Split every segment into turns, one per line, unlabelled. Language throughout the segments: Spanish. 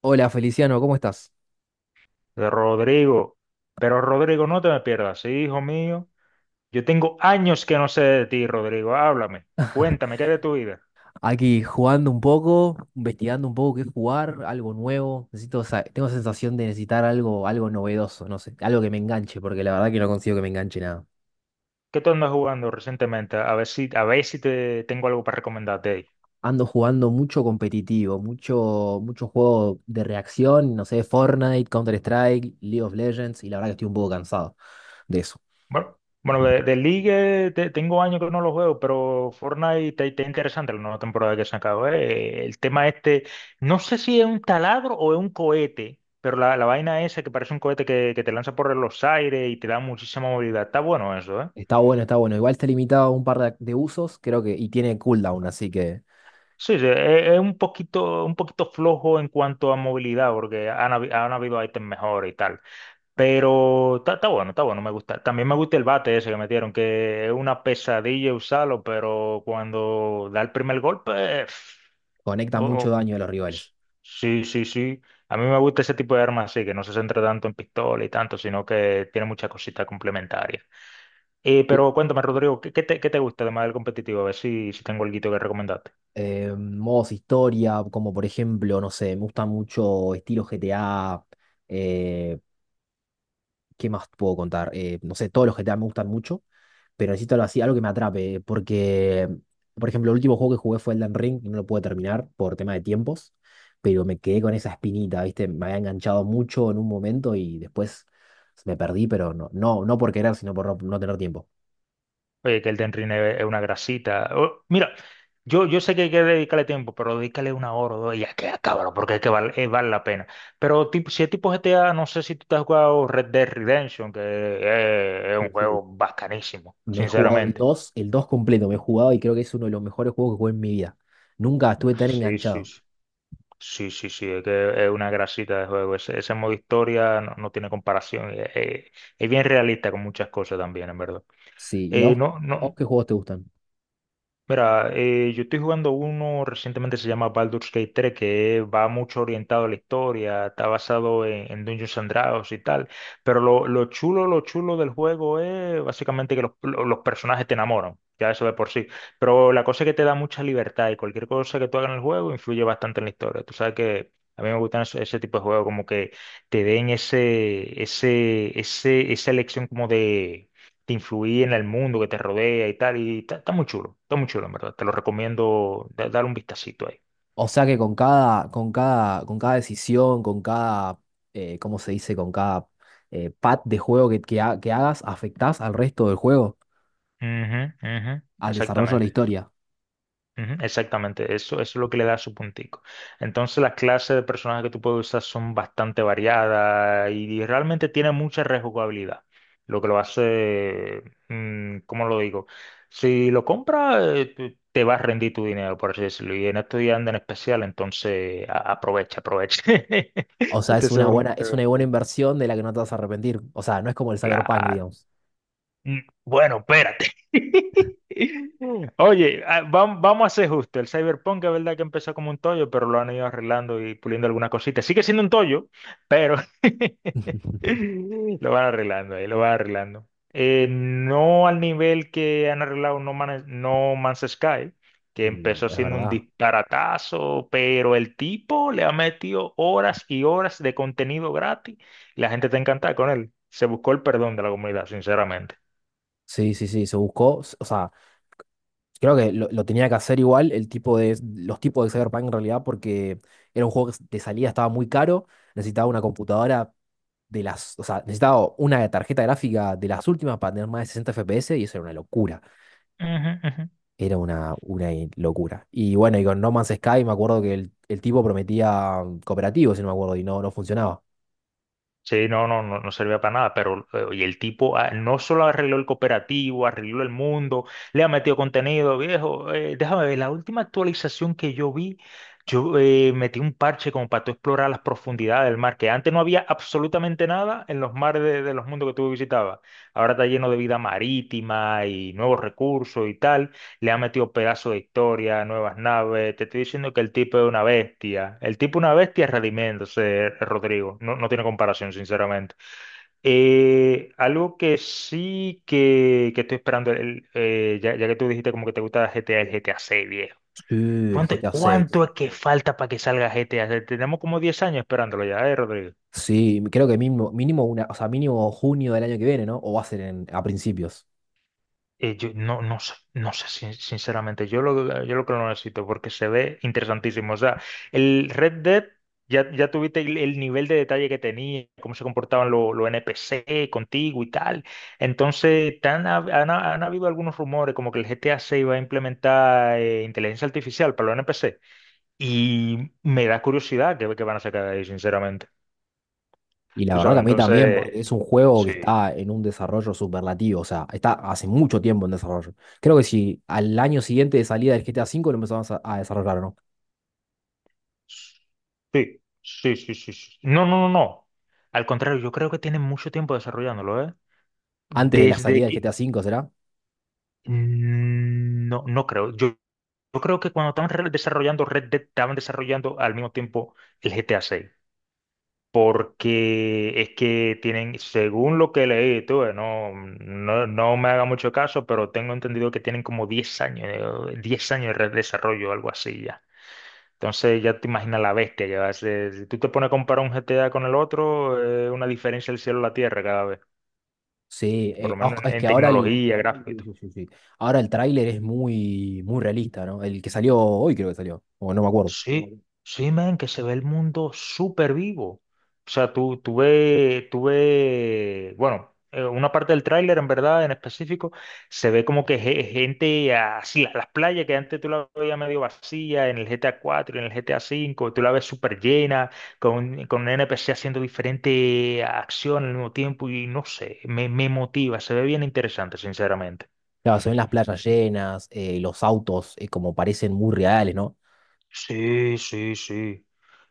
Hola Feliciano, ¿cómo estás?
De Rodrigo. Pero Rodrigo, no te me pierdas, sí, hijo mío. Yo tengo años que no sé de ti, Rodrigo. Háblame, cuéntame, ¿qué es de tu vida?
Aquí jugando un poco, investigando un poco qué jugar, algo nuevo. Necesito, tengo sensación de necesitar algo, algo novedoso, no sé, algo que me enganche, porque la verdad que no consigo que me enganche nada.
¿Qué tú andas jugando recientemente? A ver si te tengo algo para recomendarte ahí.
Ando jugando mucho competitivo, mucho juego de reacción, no sé, Fortnite, Counter-Strike, League of Legends, y la verdad que estoy un poco cansado de eso.
Bueno, bueno, de League tengo años que no lo juego, pero Fortnite está interesante la nueva temporada que se acabó. El tema este, no sé si es un taladro o es un cohete, pero la vaina esa que parece un cohete que te lanza por los aires y te da muchísima movilidad. Está bueno eso, ¿eh?
Está bueno, está bueno. Igual está limitado a un par de usos, creo que, y tiene cooldown, así que
Sí, sí, es un poquito flojo en cuanto a movilidad, porque han habido ítems mejores y tal. Pero está, está bueno, me gusta. También me gusta el bate ese que metieron, que es una pesadilla usarlo, pero cuando da el primer golpe,
conecta
oh,
mucho
oh,
daño a los rivales.
sí, sí, sí. A mí me gusta ese tipo de armas así, que no se centra tanto en pistola y tanto, sino que tiene muchas cositas complementarias. Pero cuéntame, Rodrigo, qué te gusta además del competitivo? A ver si, si tengo algo que recomendar.
Modos historia, como por ejemplo, no sé, me gusta mucho estilo GTA. eh, ¿Qué más puedo contar? No sé, todos los GTA me gustan mucho, pero necesito algo así, algo que me atrape, porque, por ejemplo, el último juego que jugué fue Elden Ring, y no lo pude terminar por tema de tiempos, pero me quedé con esa espinita, ¿viste? Me había enganchado mucho en un momento y después me perdí, pero no por querer, sino por no, no tener tiempo.
Oye, que el Elden Ring es una grasita. Mira, yo sé que hay que dedicarle tiempo, pero dedícale una hora o dos y ya que cabrón, porque es que vale, vale la pena. Pero tipo, si es tipo GTA, no sé si tú te has jugado Red Dead Redemption, que es
Sí,
un juego
sí.
bacanísimo,
Me he jugado el
sinceramente.
dos el dos completo, me he jugado y creo que es uno de los mejores juegos que jugué en mi vida. Nunca estuve tan
Sí, sí,
enganchado.
sí. Sí, sí, sí, es que es una grasita de juego. Ese modo historia no, no tiene comparación. Es bien realista con muchas cosas también, en verdad.
Sí, ¿y
No,
a vos
no.
qué juegos te gustan?
Mira, yo estoy jugando uno recientemente se llama Baldur's Gate 3, que va mucho orientado a la historia, está basado en Dungeons and Dragons y tal, pero lo chulo del juego es básicamente que los personajes te enamoran, ya eso de por sí, pero la cosa es que te da mucha libertad y cualquier cosa que tú hagas en el juego influye bastante en la historia. Tú sabes que a mí me gustan ese tipo de juegos, como que te den esa elección como de te influye en el mundo que te rodea y tal. Y está, está muy chulo, en verdad. Te lo recomiendo dar un vistacito ahí.
O sea que con cada decisión, con cada, ¿cómo se dice? Con cada pad de juego que hagas, afectás al resto del juego,
Ujú, ujú,
al desarrollo de la
exactamente.
historia.
Ujú, exactamente, eso es lo que le da su puntico. Entonces las clases de personajes que tú puedes usar son bastante variadas y realmente tiene mucha rejugabilidad, lo que lo hace, ¿cómo lo digo? Si lo compras, te va a rendir tu dinero, por así decirlo, y en estos días andan en especial, entonces aprovecha, aprovecha.
O sea,
Te
es una
sobra un...
buena, es una buena inversión de la que no te vas a arrepentir. O sea, no es como el Cyberpunk,
Claro.
digamos.
Bueno, espérate. Oye, vamos a ser justos. El Cyberpunk es verdad que empezó como un tollo, pero lo han ido arreglando y puliendo algunas cositas. Sigue siendo un tollo, pero lo van arreglando ahí, lo van arreglando. No al nivel que han arreglado No Man's Sky, que
Y
empezó
es
siendo un
verdad.
disparatazo, pero el tipo le ha metido horas y horas de contenido gratis. La gente está encantada con él. Se buscó el perdón de la comunidad, sinceramente.
Sí, sí, sí, se buscó, o sea. Creo que lo tenía que hacer igual el tipo de, los tipos de Cyberpunk en realidad porque era un juego que de salida estaba muy caro, necesitaba una computadora de las, o sea, necesitaba una tarjeta gráfica de las últimas para tener más de 60 FPS y eso era una locura,
Ujú, ujú.
era una locura. Y bueno, y con No Man's Sky me acuerdo que el tipo prometía cooperativo, si no me acuerdo, y no, no funcionaba.
Sí, no, no, no, no servía para nada, pero y el tipo no solo arregló el cooperativo, arregló el mundo, le ha metido contenido, viejo. Déjame ver, la última actualización que yo vi, yo metí un parche como para tú explorar las profundidades del mar, que antes no había absolutamente nada en los mares de los mundos que tú visitabas. Ahora está lleno de vida marítima y nuevos recursos y tal. Le ha metido pedazos de historia, nuevas naves. Te estoy diciendo que el tipo es una bestia. El tipo es una bestia redimiéndose, Rodrigo. No, no tiene comparación, sinceramente. Algo que sí que estoy esperando, ya que tú dijiste como que te gusta GTA, el GTA 6, viejo.
Sí, el GTA 6.
Cuánto es que falta para que salga GTA? Tenemos como 10 años esperándolo ya, ¿eh, Rodrigo?
Sí, creo que mínimo, mínimo una, o sea, mínimo junio del año que viene, ¿no? O va a ser a principios.
Yo no, no sé, no sé, sinceramente, yo lo que lo necesito porque se ve interesantísimo. O sea, el Red Dead, ya tuviste el nivel de detalle que tenía, cómo se comportaban los NPC contigo y tal. Entonces, han habido algunos rumores como que el GTA 6 va a implementar inteligencia artificial para los NPC. Y me da curiosidad que van a sacar de ahí, sinceramente.
Y la
Tú
verdad que
sabes,
a mí también, porque
entonces,
es un juego que
sí.
está en un desarrollo superlativo, o sea, está hace mucho tiempo en desarrollo. Creo que si al año siguiente de salida del GTA 5 V lo empezamos a desarrollar, ¿o ¿no?
Sí, sí, sí, sí, sí. No, no, no, no. Al contrario, yo creo que tienen mucho tiempo desarrollándolo, ¿eh?
Antes de la
Desde
salida del
que...
GTA 5 V, ¿será?
No, no creo. Yo creo que cuando estaban desarrollando Red Dead, estaban desarrollando al mismo tiempo el GTA 6. Porque es que tienen, según lo que leí, tú, no me haga mucho caso, pero tengo entendido que tienen como 10 años, 10 años de desarrollo, algo así ya. Entonces ya te imaginas la bestia que va a ser. Si tú te pones a comparar un G T A con el otro, es una diferencia del cielo a la tierra cada vez,
Sí,
por lo menos
es que
en
ahora el,
tecnología,
sí, sí,
gráfico.
sí, sí. Ahora el tráiler es muy, muy realista, ¿no? El que salió hoy creo que salió, o no me acuerdo.
Sí, sí, man, que se ve el mundo súper vivo. O sea, una parte del tráiler, en verdad, en específico, se ve como que gente así, las playas que antes tú la veías medio vacía en el GTA 4 y en el GTA 5, tú la ves súper llena, con un NPC haciendo diferente acción al mismo tiempo y no sé, me motiva, se ve bien interesante, sinceramente.
Claro, se ven las playas llenas, los autos como parecen muy reales, ¿no?
Sí, sí, sí.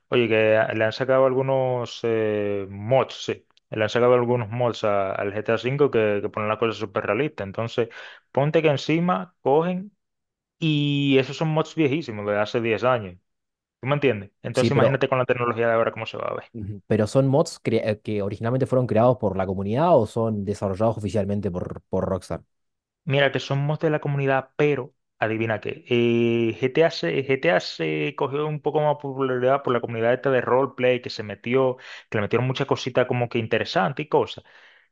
Oye, que le han sacado algunos mods, sí. Le han sacado algunos mods al GTA V que ponen las cosas súper realistas. Entonces, ponte que encima cogen y esos son mods viejísimos, de hace 10 años. ¿Tú me entiendes?
Sí,
Entonces,
pero
imagínate con la tecnología de ahora cómo se va a ver.
ujú. ¿Pero son mods que originalmente fueron creados por la comunidad o son desarrollados oficialmente por Rockstar?
Mira, que son mods de la comunidad, pero adivina qué. GTA se cogió un poco más popularidad por la comunidad esta de roleplay que se metió, que le metieron muchas cositas como que interesantes y cosas.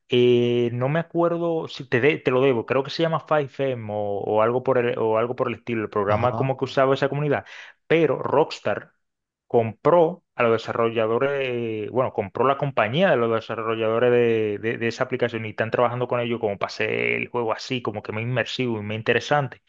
No me acuerdo si te lo debo, creo que se llama 5M o algo por el, o algo por el estilo, el programa
Ajá.
como que usaba esa comunidad, pero Rockstar compró a los desarrolladores, bueno, compró la compañía de los desarrolladores de esa aplicación y están trabajando con ellos como para hacer el juego así, como que más inmersivo y más interesante.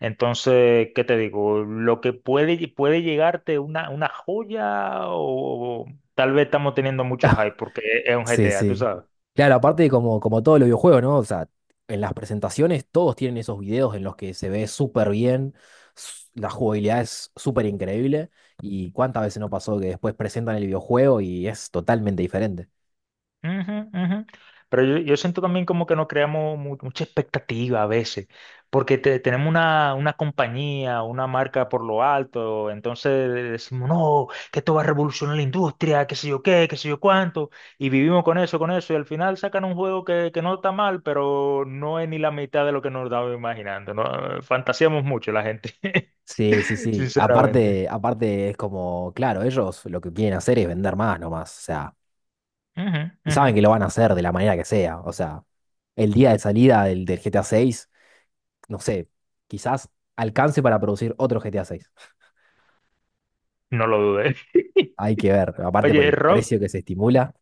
Entonces, ¿qué te digo? Lo que puede llegarte una joya o tal vez estamos teniendo mucho hype porque es un
Sí,
GTA, tú
sí.
sabes.
Claro, aparte como, como todos los videojuegos, ¿no? O sea, en las presentaciones todos tienen esos videos en los que se ve súper bien, la jugabilidad es súper increíble y cuántas veces no pasó que después presentan el videojuego y es totalmente diferente.
Ujú, ujú. Pero yo siento también como que no creamos mucha expectativa a veces, porque tenemos una compañía, una marca por lo alto, entonces decimos, no, que esto va a revolucionar la industria, qué sé yo qué, qué sé yo cuánto, y vivimos con eso, y al final sacan un juego que no está mal, pero no es ni la mitad de lo que nos estábamos imaginando, ¿no? Fantaseamos mucho la gente,
Sí, sí, sí.
sinceramente.
Aparte, aparte es como, claro, ellos lo que quieren hacer es vender más nomás. O sea,
Ujú,
y
ujú.
saben que lo van a hacer de la manera que sea. O sea, el día de salida del G T A seis no sé, quizás alcance para producir otro G T A seis.
No lo dudé.
Hay que ver, aparte por
Oye,
el
Rob,
precio que se estimula.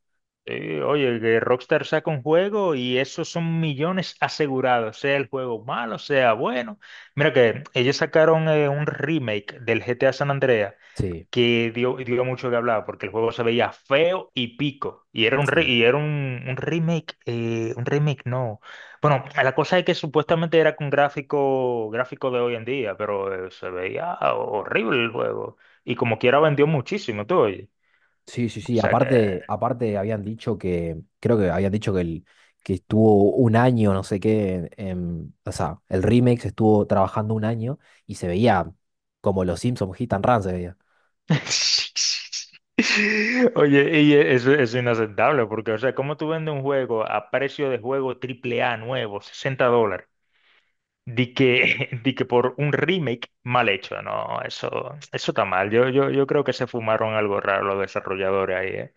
sí, oye, que Rockstar saca un juego y esos son millones asegurados, sea el juego malo, sea bueno. Mira que ellos sacaron un remake del GTA San Andreas
Sí,
que dio, dio mucho que hablar porque el juego se veía feo y pico. Y era un,
sí.
un remake no. Bueno, la cosa es que supuestamente era con gráfico, gráfico de hoy en día, pero se veía horrible el juego. Y como quiera vendió muchísimo, tú oye.
Sí, sí,
O
sí.
sea que...
Aparte, aparte habían dicho que, creo que habían dicho que, el, que estuvo un año, no sé qué, o sea, el remake se estuvo trabajando un año y se veía como los Simpsons Hit and Run se veía.
Oye, y eso es inaceptable, porque, o sea, ¿cómo tú vendes un juego a precio de juego triple A nuevo, $60, di que, di que por un remake mal hecho? No, eso está mal. Yo creo que se fumaron algo raro los desarrolladores ahí, ¿eh?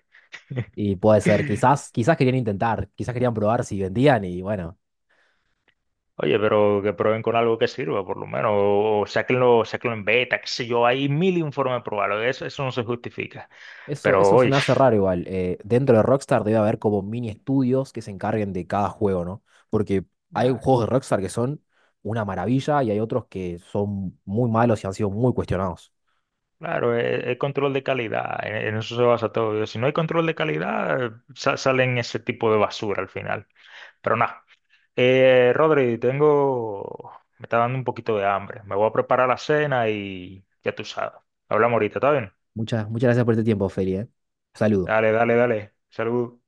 Y puede ser, quizás, quizás querían intentar, quizás querían probar si vendían y bueno,
Oye, pero que prueben con algo que sirva, por lo menos, o sáquenlo, sáquenlo en beta, qué sé yo, hay mil informes probados, eso no se justifica.
Eso,
Pero,
eso se
oye,
me hace raro igual. Dentro de Rockstar debe haber como mini estudios que se encarguen de cada juego, ¿no? Porque hay juegos de Rockstar que son una maravilla y hay otros que son muy malos y han sido muy cuestionados.
claro, el control de calidad, en eso se basa todo. Si no hay control de calidad, salen ese tipo de basura al final. Pero nada, Rodri, me está dando un poquito de hambre. Me voy a preparar la cena y ya tú sabes. Hablamos ahorita, ¿está bien?
Muchas, muchas gracias por este tiempo, Feli, ¿eh? Saludos.
Dale, dale, dale. Salud.